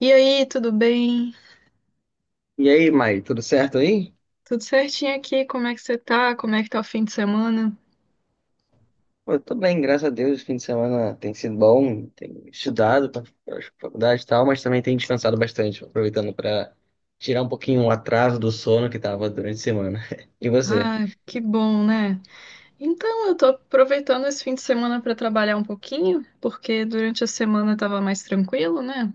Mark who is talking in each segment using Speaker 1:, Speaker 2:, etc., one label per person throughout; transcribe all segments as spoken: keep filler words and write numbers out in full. Speaker 1: E aí, tudo bem?
Speaker 2: E aí, Mai, tudo certo aí?
Speaker 1: Tudo certinho aqui? Como é que você tá? Como é que tá o fim de semana?
Speaker 2: Pô, eu tô bem, graças a Deus. O fim de semana tem sido bom, tenho estudado para faculdade e tal, mas também tenho descansado bastante, aproveitando para tirar um pouquinho o atraso do sono que tava durante a semana. E você?
Speaker 1: Ah, que bom, né? Então, eu tô aproveitando esse fim de semana para trabalhar um pouquinho, porque durante a semana tava mais tranquilo, né?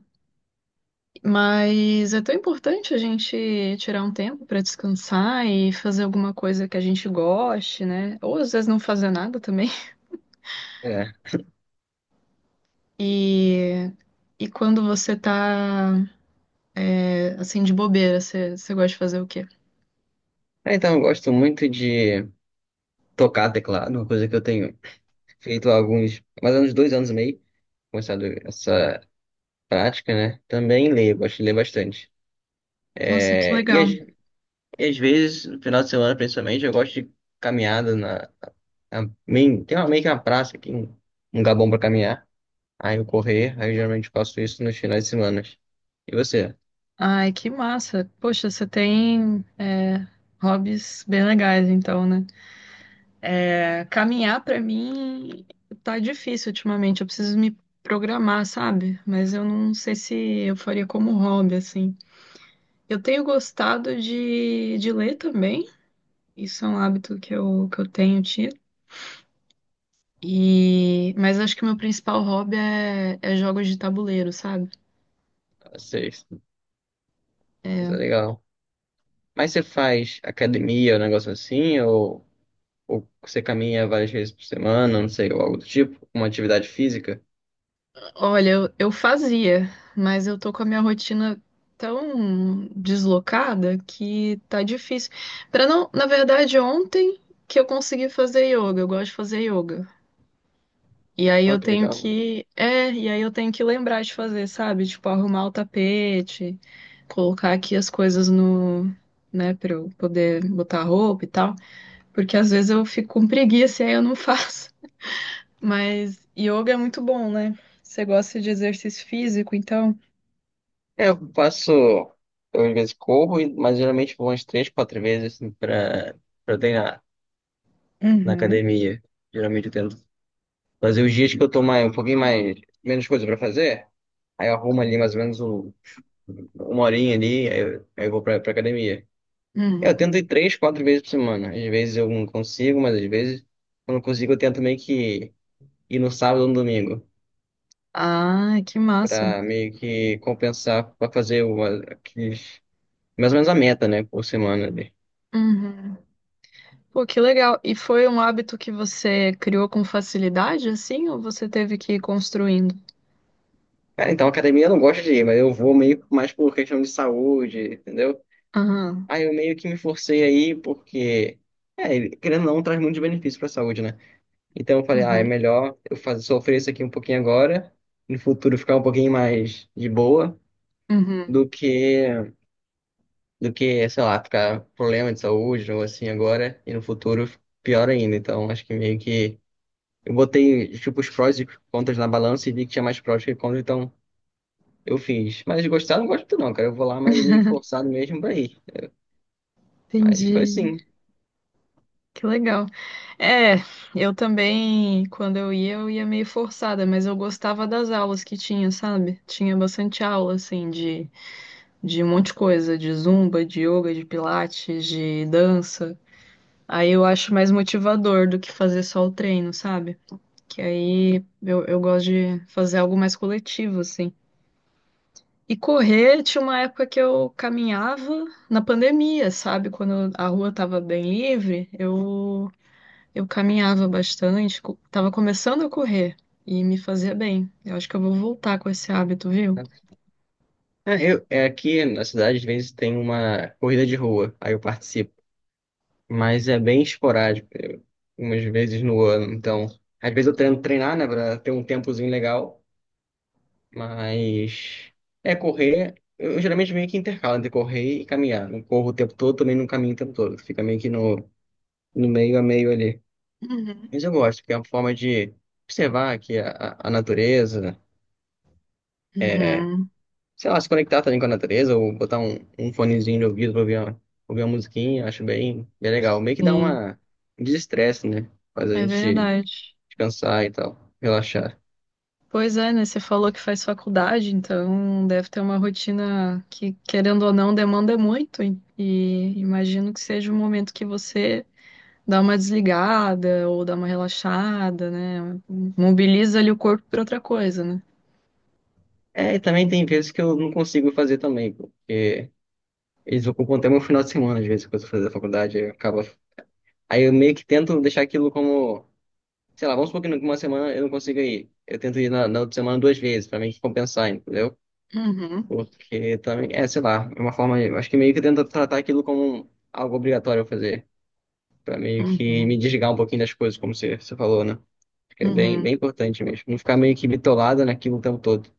Speaker 1: Mas é tão importante a gente tirar um tempo para descansar e fazer alguma coisa que a gente goste, né? Ou às vezes não fazer nada também.
Speaker 2: É.
Speaker 1: E, e quando você tá, é, assim, de bobeira, você, você gosta de fazer o quê?
Speaker 2: Ah, Então, eu gosto muito de tocar teclado, uma coisa que eu tenho feito há alguns, mais ou menos dois anos e meio, começado essa prática, né? Também leio, gosto de ler bastante.
Speaker 1: Nossa, que
Speaker 2: É, e,
Speaker 1: legal.
Speaker 2: às, e às vezes, no final de semana, principalmente, eu gosto de caminhada na A main- tem uma, meio que uma praça aqui, um, um lugar bom pra caminhar. Aí eu correr, aí eu geralmente faço isso nos finais de semana. E você?
Speaker 1: Ai, que massa. Poxa, você tem é, hobbies bem legais, então, né? É, caminhar pra mim tá difícil ultimamente. Eu preciso me programar, sabe? Mas eu não sei se eu faria como hobby, assim. Eu tenho gostado de, de ler também. Isso é um hábito que eu, que eu tenho tido. E... Mas acho que o meu principal hobby é, é jogos de tabuleiro, sabe?
Speaker 2: Vocês? Isso é legal. Mas você faz academia, um negócio assim? Ou, ou você caminha várias vezes por semana, não sei, ou algo do tipo? Uma atividade física?
Speaker 1: Olha, eu, eu fazia, mas eu tô com a minha rotina tão deslocada que tá difícil. Para não, na verdade, ontem que eu consegui fazer yoga, eu gosto de fazer yoga. E aí
Speaker 2: Ó,
Speaker 1: eu
Speaker 2: que
Speaker 1: tenho
Speaker 2: legal, mano.
Speaker 1: que, é, e aí eu tenho que lembrar de fazer, sabe? Tipo, arrumar o tapete, colocar aqui as coisas no, né, pra eu poder botar roupa e tal, porque às vezes eu fico com preguiça e aí eu não faço. Mas yoga é muito bom, né? Você gosta de exercício físico, então
Speaker 2: É, eu faço. Eu às vezes corro, e- mas geralmente vou umas três, quatro vezes assim, pra, pra treinar na
Speaker 1: uhum,
Speaker 2: academia. Geralmente eu tento fazer os dias que eu tô mais, um pouquinho mais, menos coisa pra fazer. Aí eu arrumo ali mais ou menos um- uma horinha ali, aí eu, aí eu vou pra, pra academia. É, eu
Speaker 1: uhum.
Speaker 2: tento ir três, quatro vezes por semana. Às vezes eu não consigo, mas às vezes, quando eu consigo, eu tento meio que ir no sábado ou no domingo,
Speaker 1: Ah, que massa.
Speaker 2: pra meio que compensar, pra fazer uma, aqueles, mais ou menos a meta, né, por semana ali.
Speaker 1: Uhum. Pô, que legal. E foi um hábito que você criou com facilidade, assim, ou você teve que ir construindo?
Speaker 2: Cara, então academia eu não gosto de ir, mas eu vou meio que mais por questão de saúde, entendeu?
Speaker 1: Aham.
Speaker 2: Aí eu meio que me forcei aí, porque, é, querendo ou não, traz muitos benefícios pra saúde, né? Então eu falei, ah, é
Speaker 1: Uhum.
Speaker 2: melhor eu fazer, sofrer isso aqui um pouquinho agora, no futuro ficar um pouquinho mais de boa, do
Speaker 1: Uhum.
Speaker 2: que, do que, sei lá, ficar com problema de saúde ou assim agora, e no futuro pior ainda. Então acho que meio que eu botei, tipo, os prós e contras na balança e vi que tinha mais prós que contras, então eu fiz. Mas gostar, eu não gosto muito não, cara. Eu vou lá, mas meio que forçado mesmo pra ir. Mas foi
Speaker 1: Entendi.
Speaker 2: assim.
Speaker 1: Que legal. É, eu também, quando eu ia, eu ia meio forçada, mas eu gostava das aulas que tinha, sabe? Tinha bastante aula, assim, de, de um monte de coisa, de zumba, de yoga, de pilates, de dança. Aí eu acho mais motivador do que fazer só o treino, sabe? Que aí eu, eu gosto de fazer algo mais coletivo, assim. E correr, tinha uma época que eu caminhava na pandemia, sabe? Quando a rua tava bem livre, eu, eu caminhava bastante, co- tava começando a correr e me fazia bem. Eu acho que eu vou voltar com esse hábito, viu?
Speaker 2: Né? Ah, eu, é aqui na cidade, às vezes tem uma corrida de rua, aí eu participo. Mas é bem esporádico, eu- umas vezes no ano. Então, às vezes eu tento treinar, né, pra ter um tempozinho legal, mas é correr. Eu geralmente meio que intercalo entre correr e caminhar. Não corro o tempo todo, também não caminho o tempo todo. Fica meio que no, no meio a meio ali.
Speaker 1: Uhum.
Speaker 2: Mas eu gosto, porque é uma forma de observar aqui a, a a natureza, é,
Speaker 1: Uhum.
Speaker 2: sei lá, se conectar também com a natureza, ou botar um, um fonezinho de ouvido pra ouvir uma, ouvir uma musiquinha, acho bem, bem legal. Meio que dá
Speaker 1: Sim,
Speaker 2: uma um desestresse, né? Faz a
Speaker 1: é
Speaker 2: gente
Speaker 1: verdade.
Speaker 2: descansar e tal, relaxar.
Speaker 1: Pois é, né? Você falou que faz faculdade, então deve ter uma rotina que, querendo ou não, demanda muito. E e imagino que seja um momento que você dá uma desligada ou dá uma relaxada, né? Mobiliza ali o corpo para outra coisa, né?
Speaker 2: É, e também tem vezes que eu não consigo fazer também, pô, porque eles ocupam até meu final de semana, às vezes, quando eu fazer a faculdade, aí eu acaba... Aí eu meio que tento deixar aquilo como, sei lá, vamos supor que numa semana eu não consiga ir. Eu tento ir na, na outra semana duas vezes, pra meio compensar, entendeu?
Speaker 1: Uhum,
Speaker 2: Porque também, é, sei lá, é uma forma, eu acho que meio que tento tratar aquilo como um, algo obrigatório eu fazer, pra meio que me
Speaker 1: uhum,
Speaker 2: desligar um pouquinho das coisas, como você, você falou, né? Acho que é bem,
Speaker 1: uhum.
Speaker 2: bem importante mesmo, não ficar meio que bitolado naquilo o tempo todo.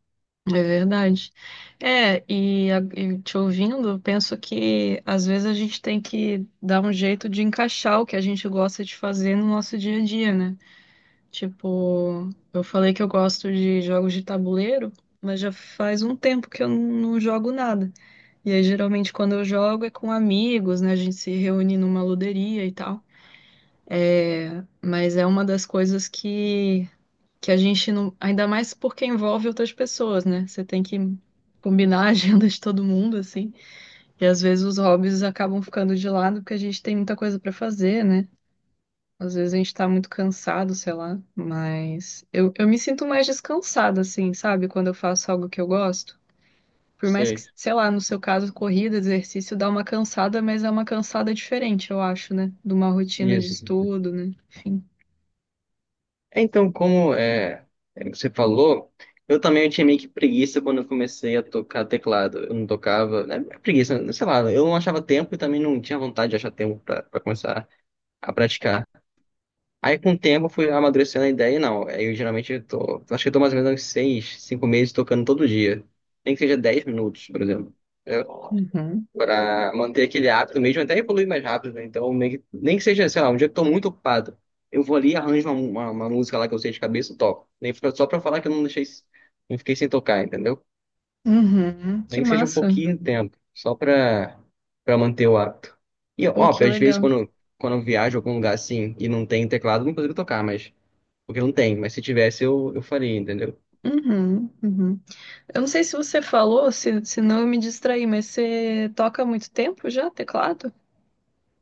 Speaker 1: É verdade. É, e, a- e te ouvindo, eu penso que às vezes a gente tem que dar um jeito de encaixar o que a gente gosta de fazer no nosso dia a dia, né? Tipo, eu falei que eu gosto de jogos de tabuleiro, mas já faz um tempo que eu não não jogo nada. E aí, geralmente, quando eu jogo é com amigos, né? A gente se reúne numa luderia e tal. É, mas é uma das coisas que, que a gente não. Ainda mais porque envolve outras pessoas, né? Você tem que combinar a agenda de todo mundo, assim. E às vezes os hobbies acabam ficando de lado porque a gente tem muita coisa pra fazer, né? Às vezes a gente tá muito cansado, sei lá, mas eu, eu me sinto mais descansada, assim, sabe? Quando eu faço algo que eu gosto. Por mais que,
Speaker 2: Sei,
Speaker 1: sei lá, no seu caso, corrida, exercício, dá uma cansada, mas é uma cansada diferente, eu acho, né? De uma rotina de
Speaker 2: isso.
Speaker 1: estudo, né? Enfim.
Speaker 2: É, então, como é, é, você falou, eu também tinha meio que preguiça quando eu comecei a tocar teclado. Eu não tocava, né? Preguiça, sei lá, eu não achava tempo e também não tinha vontade de achar tempo pra pra começar a praticar. Aí, com o tempo, eu fui amadurecendo a ideia e não. Aí, eu geralmente eu tô, acho que eu tô mais ou menos uns seis, cinco meses tocando todo dia. Nem que seja dez minutos, por exemplo
Speaker 1: Uhum.
Speaker 2: para manter aquele hábito mesmo, até evoluir mais rápido, né? Então, meio que- nem que seja, sei lá, um dia que eu tô muito ocupado, eu vou ali arranjo uma, uma, uma música lá que eu sei de cabeça e toco. Nem fica só para falar que eu não deixei, não fiquei sem tocar, entendeu?
Speaker 1: Uhum. Que
Speaker 2: Nem que seja um
Speaker 1: massa.
Speaker 2: pouquinho de tempo, só para para manter o hábito. E,
Speaker 1: Pô, que
Speaker 2: óbvio, às vezes
Speaker 1: legal.
Speaker 2: quando, quando eu viajo a algum lugar assim e não tem teclado, eu não consigo tocar, mas, porque não tem, mas se tivesse eu, eu faria, entendeu?
Speaker 1: Uhum. Uhum. Eu não sei se você falou, se, se não eu me distraí, mas você toca há muito tempo já, teclado?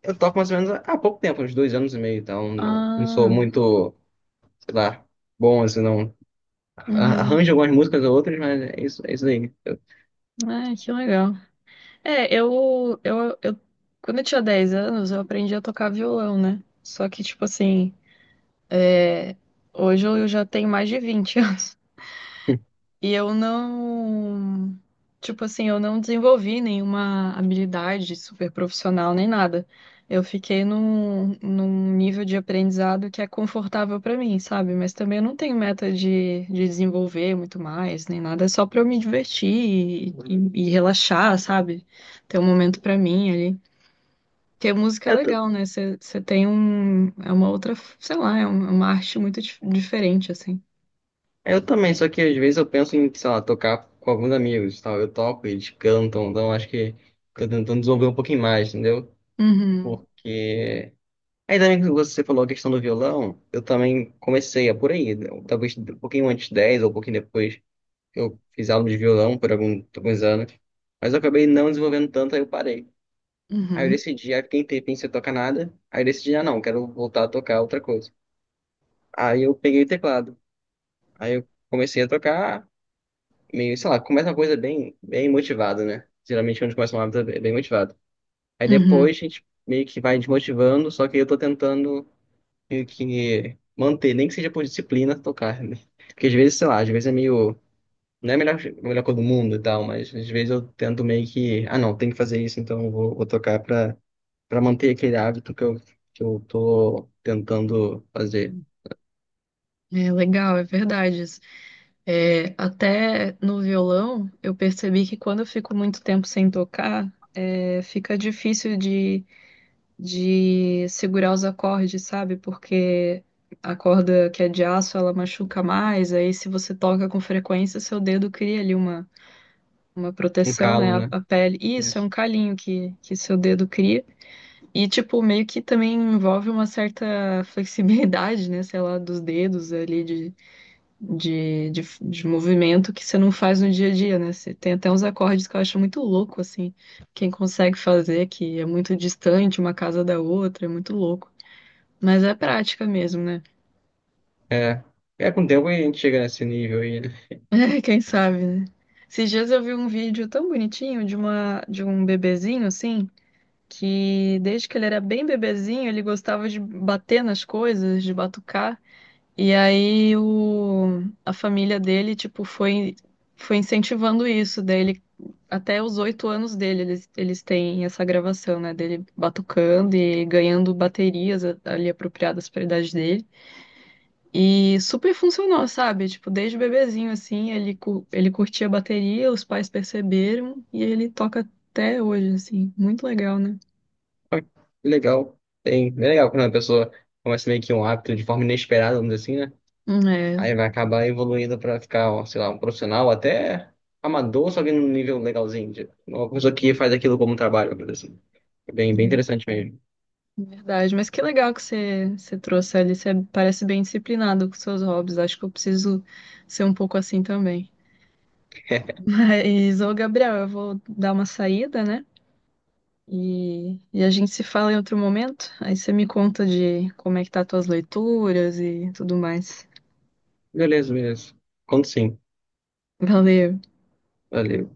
Speaker 2: Eu toco mais ou menos há pouco tempo, uns dois anos e meio, então não, não sou
Speaker 1: Ah,
Speaker 2: muito, sei lá, bom assim, não.
Speaker 1: uhum.
Speaker 2: Arranjo algumas músicas ou outras, mas é isso, é isso aí. Eu,
Speaker 1: Ah, que legal. É, eu, eu, eu, quando eu tinha dez anos, eu aprendi a tocar violão, né? Só que, tipo assim, é, hoje eu já tenho mais de vinte anos. E eu não, tipo assim, eu não desenvolvi nenhuma habilidade super profissional nem nada. Eu fiquei num, num nível de aprendizado que é confortável pra mim, sabe? Mas também eu não tenho meta de, de desenvolver muito mais, nem nada. É só pra eu me divertir e, e- e relaxar, sabe? Ter um momento pra mim ali. Que música é
Speaker 2: eu, t-
Speaker 1: legal, né? Você você tem um. É uma outra. Sei lá, é um- é uma arte muito dif- diferente, assim.
Speaker 2: eu também, só que às vezes eu penso em, sei lá, tocar com alguns amigos, e tal. Eu toco, eles cantam, então acho que tô tentando desenvolver um pouquinho mais, entendeu?
Speaker 1: Uhum,
Speaker 2: Porque. Aí também que você falou a questão do violão, eu também comecei a por aí, né? Talvez um pouquinho antes de dez ou um pouquinho depois, eu fiz aula de violão por algum- alguns anos, mas eu acabei não desenvolvendo tanto, aí eu parei. Aí eu
Speaker 1: uhum,
Speaker 2: decidi, aí fiquei um tempinho sem tocar nada, aí eu decidi, ah não, quero voltar a tocar outra coisa. Aí eu peguei o teclado. Aí eu comecei a tocar, meio, sei lá, começa uma coisa bem, bem motivada, né? Geralmente quando a gente começa uma hábito é bem motivado. Aí
Speaker 1: uhum.
Speaker 2: depois a gente meio que vai desmotivando, só que eu tô tentando meio que manter, nem que seja por disciplina, tocar, né? Porque às vezes, sei lá, às vezes é meio. Não é a melhor, a melhor coisa do mundo e tal, mas às vezes eu tento meio que. Ah, não, tem que fazer isso, então eu vou, vou tocar pra, pra manter aquele hábito que eu, que eu tô tentando fazer.
Speaker 1: É legal, é verdade. Isso. É, até no violão, eu percebi que quando eu fico muito tempo sem tocar, é, fica difícil de, de segurar os acordes, sabe? Porque a corda que é de aço, ela machuca mais. Aí, se você toca com frequência, seu dedo cria ali uma uma
Speaker 2: Um
Speaker 1: proteção, né,
Speaker 2: calo,
Speaker 1: a,
Speaker 2: né?
Speaker 1: a pele. E isso, é um calinho que, que seu dedo cria. E, tipo, meio que também envolve uma certa flexibilidade, né, sei lá, dos dedos ali, de, de, de, de movimento que você não faz no dia a dia, né? Você tem até uns acordes que eu acho muito louco, assim, quem consegue fazer, que é muito distante uma casa da outra, é muito louco. Mas é prática mesmo, né?
Speaker 2: É, é com o tempo a gente chega nesse nível aí, né?
Speaker 1: Quem sabe, né? Esses dias eu vi um vídeo tão bonitinho de uma, de um bebezinho, assim, que desde que ele era bem bebezinho, ele gostava de bater nas coisas, de batucar. E aí o, a família dele, tipo, foi, foi incentivando isso. Daí ele, até os oito anos dele, eles, eles têm essa gravação, né? Dele batucando e ganhando baterias a- ali apropriadas para a idade dele. E super funcionou, sabe? Tipo, desde bebezinho, assim, ele, cu- ele curtia a bateria, os pais perceberam e ele toca até hoje, assim. Muito legal, né?
Speaker 2: Ah, legal. Tem, é legal quando a pessoa começa meio que um hábito de forma inesperada, vamos dizer assim, né?
Speaker 1: É,
Speaker 2: Aí vai acabar evoluindo pra ficar, ó, sei lá, um profissional, até amador, só que num nível legalzinho. De- uma pessoa que faz aquilo como um trabalho, vamos dizer assim. É bem, bem
Speaker 1: é,
Speaker 2: interessante mesmo.
Speaker 1: verdade, mas que legal que você, você trouxe ali. Você parece bem disciplinado com seus hobbies. Acho que eu preciso ser um pouco assim também. Mas, ô Gabriel, eu vou dar uma saída, né? E, e a gente se fala em outro momento. Aí você me conta de como é que tá as tuas leituras e tudo mais.
Speaker 2: Beleza, beleza. Conto sim.
Speaker 1: Valeu.
Speaker 2: Valeu.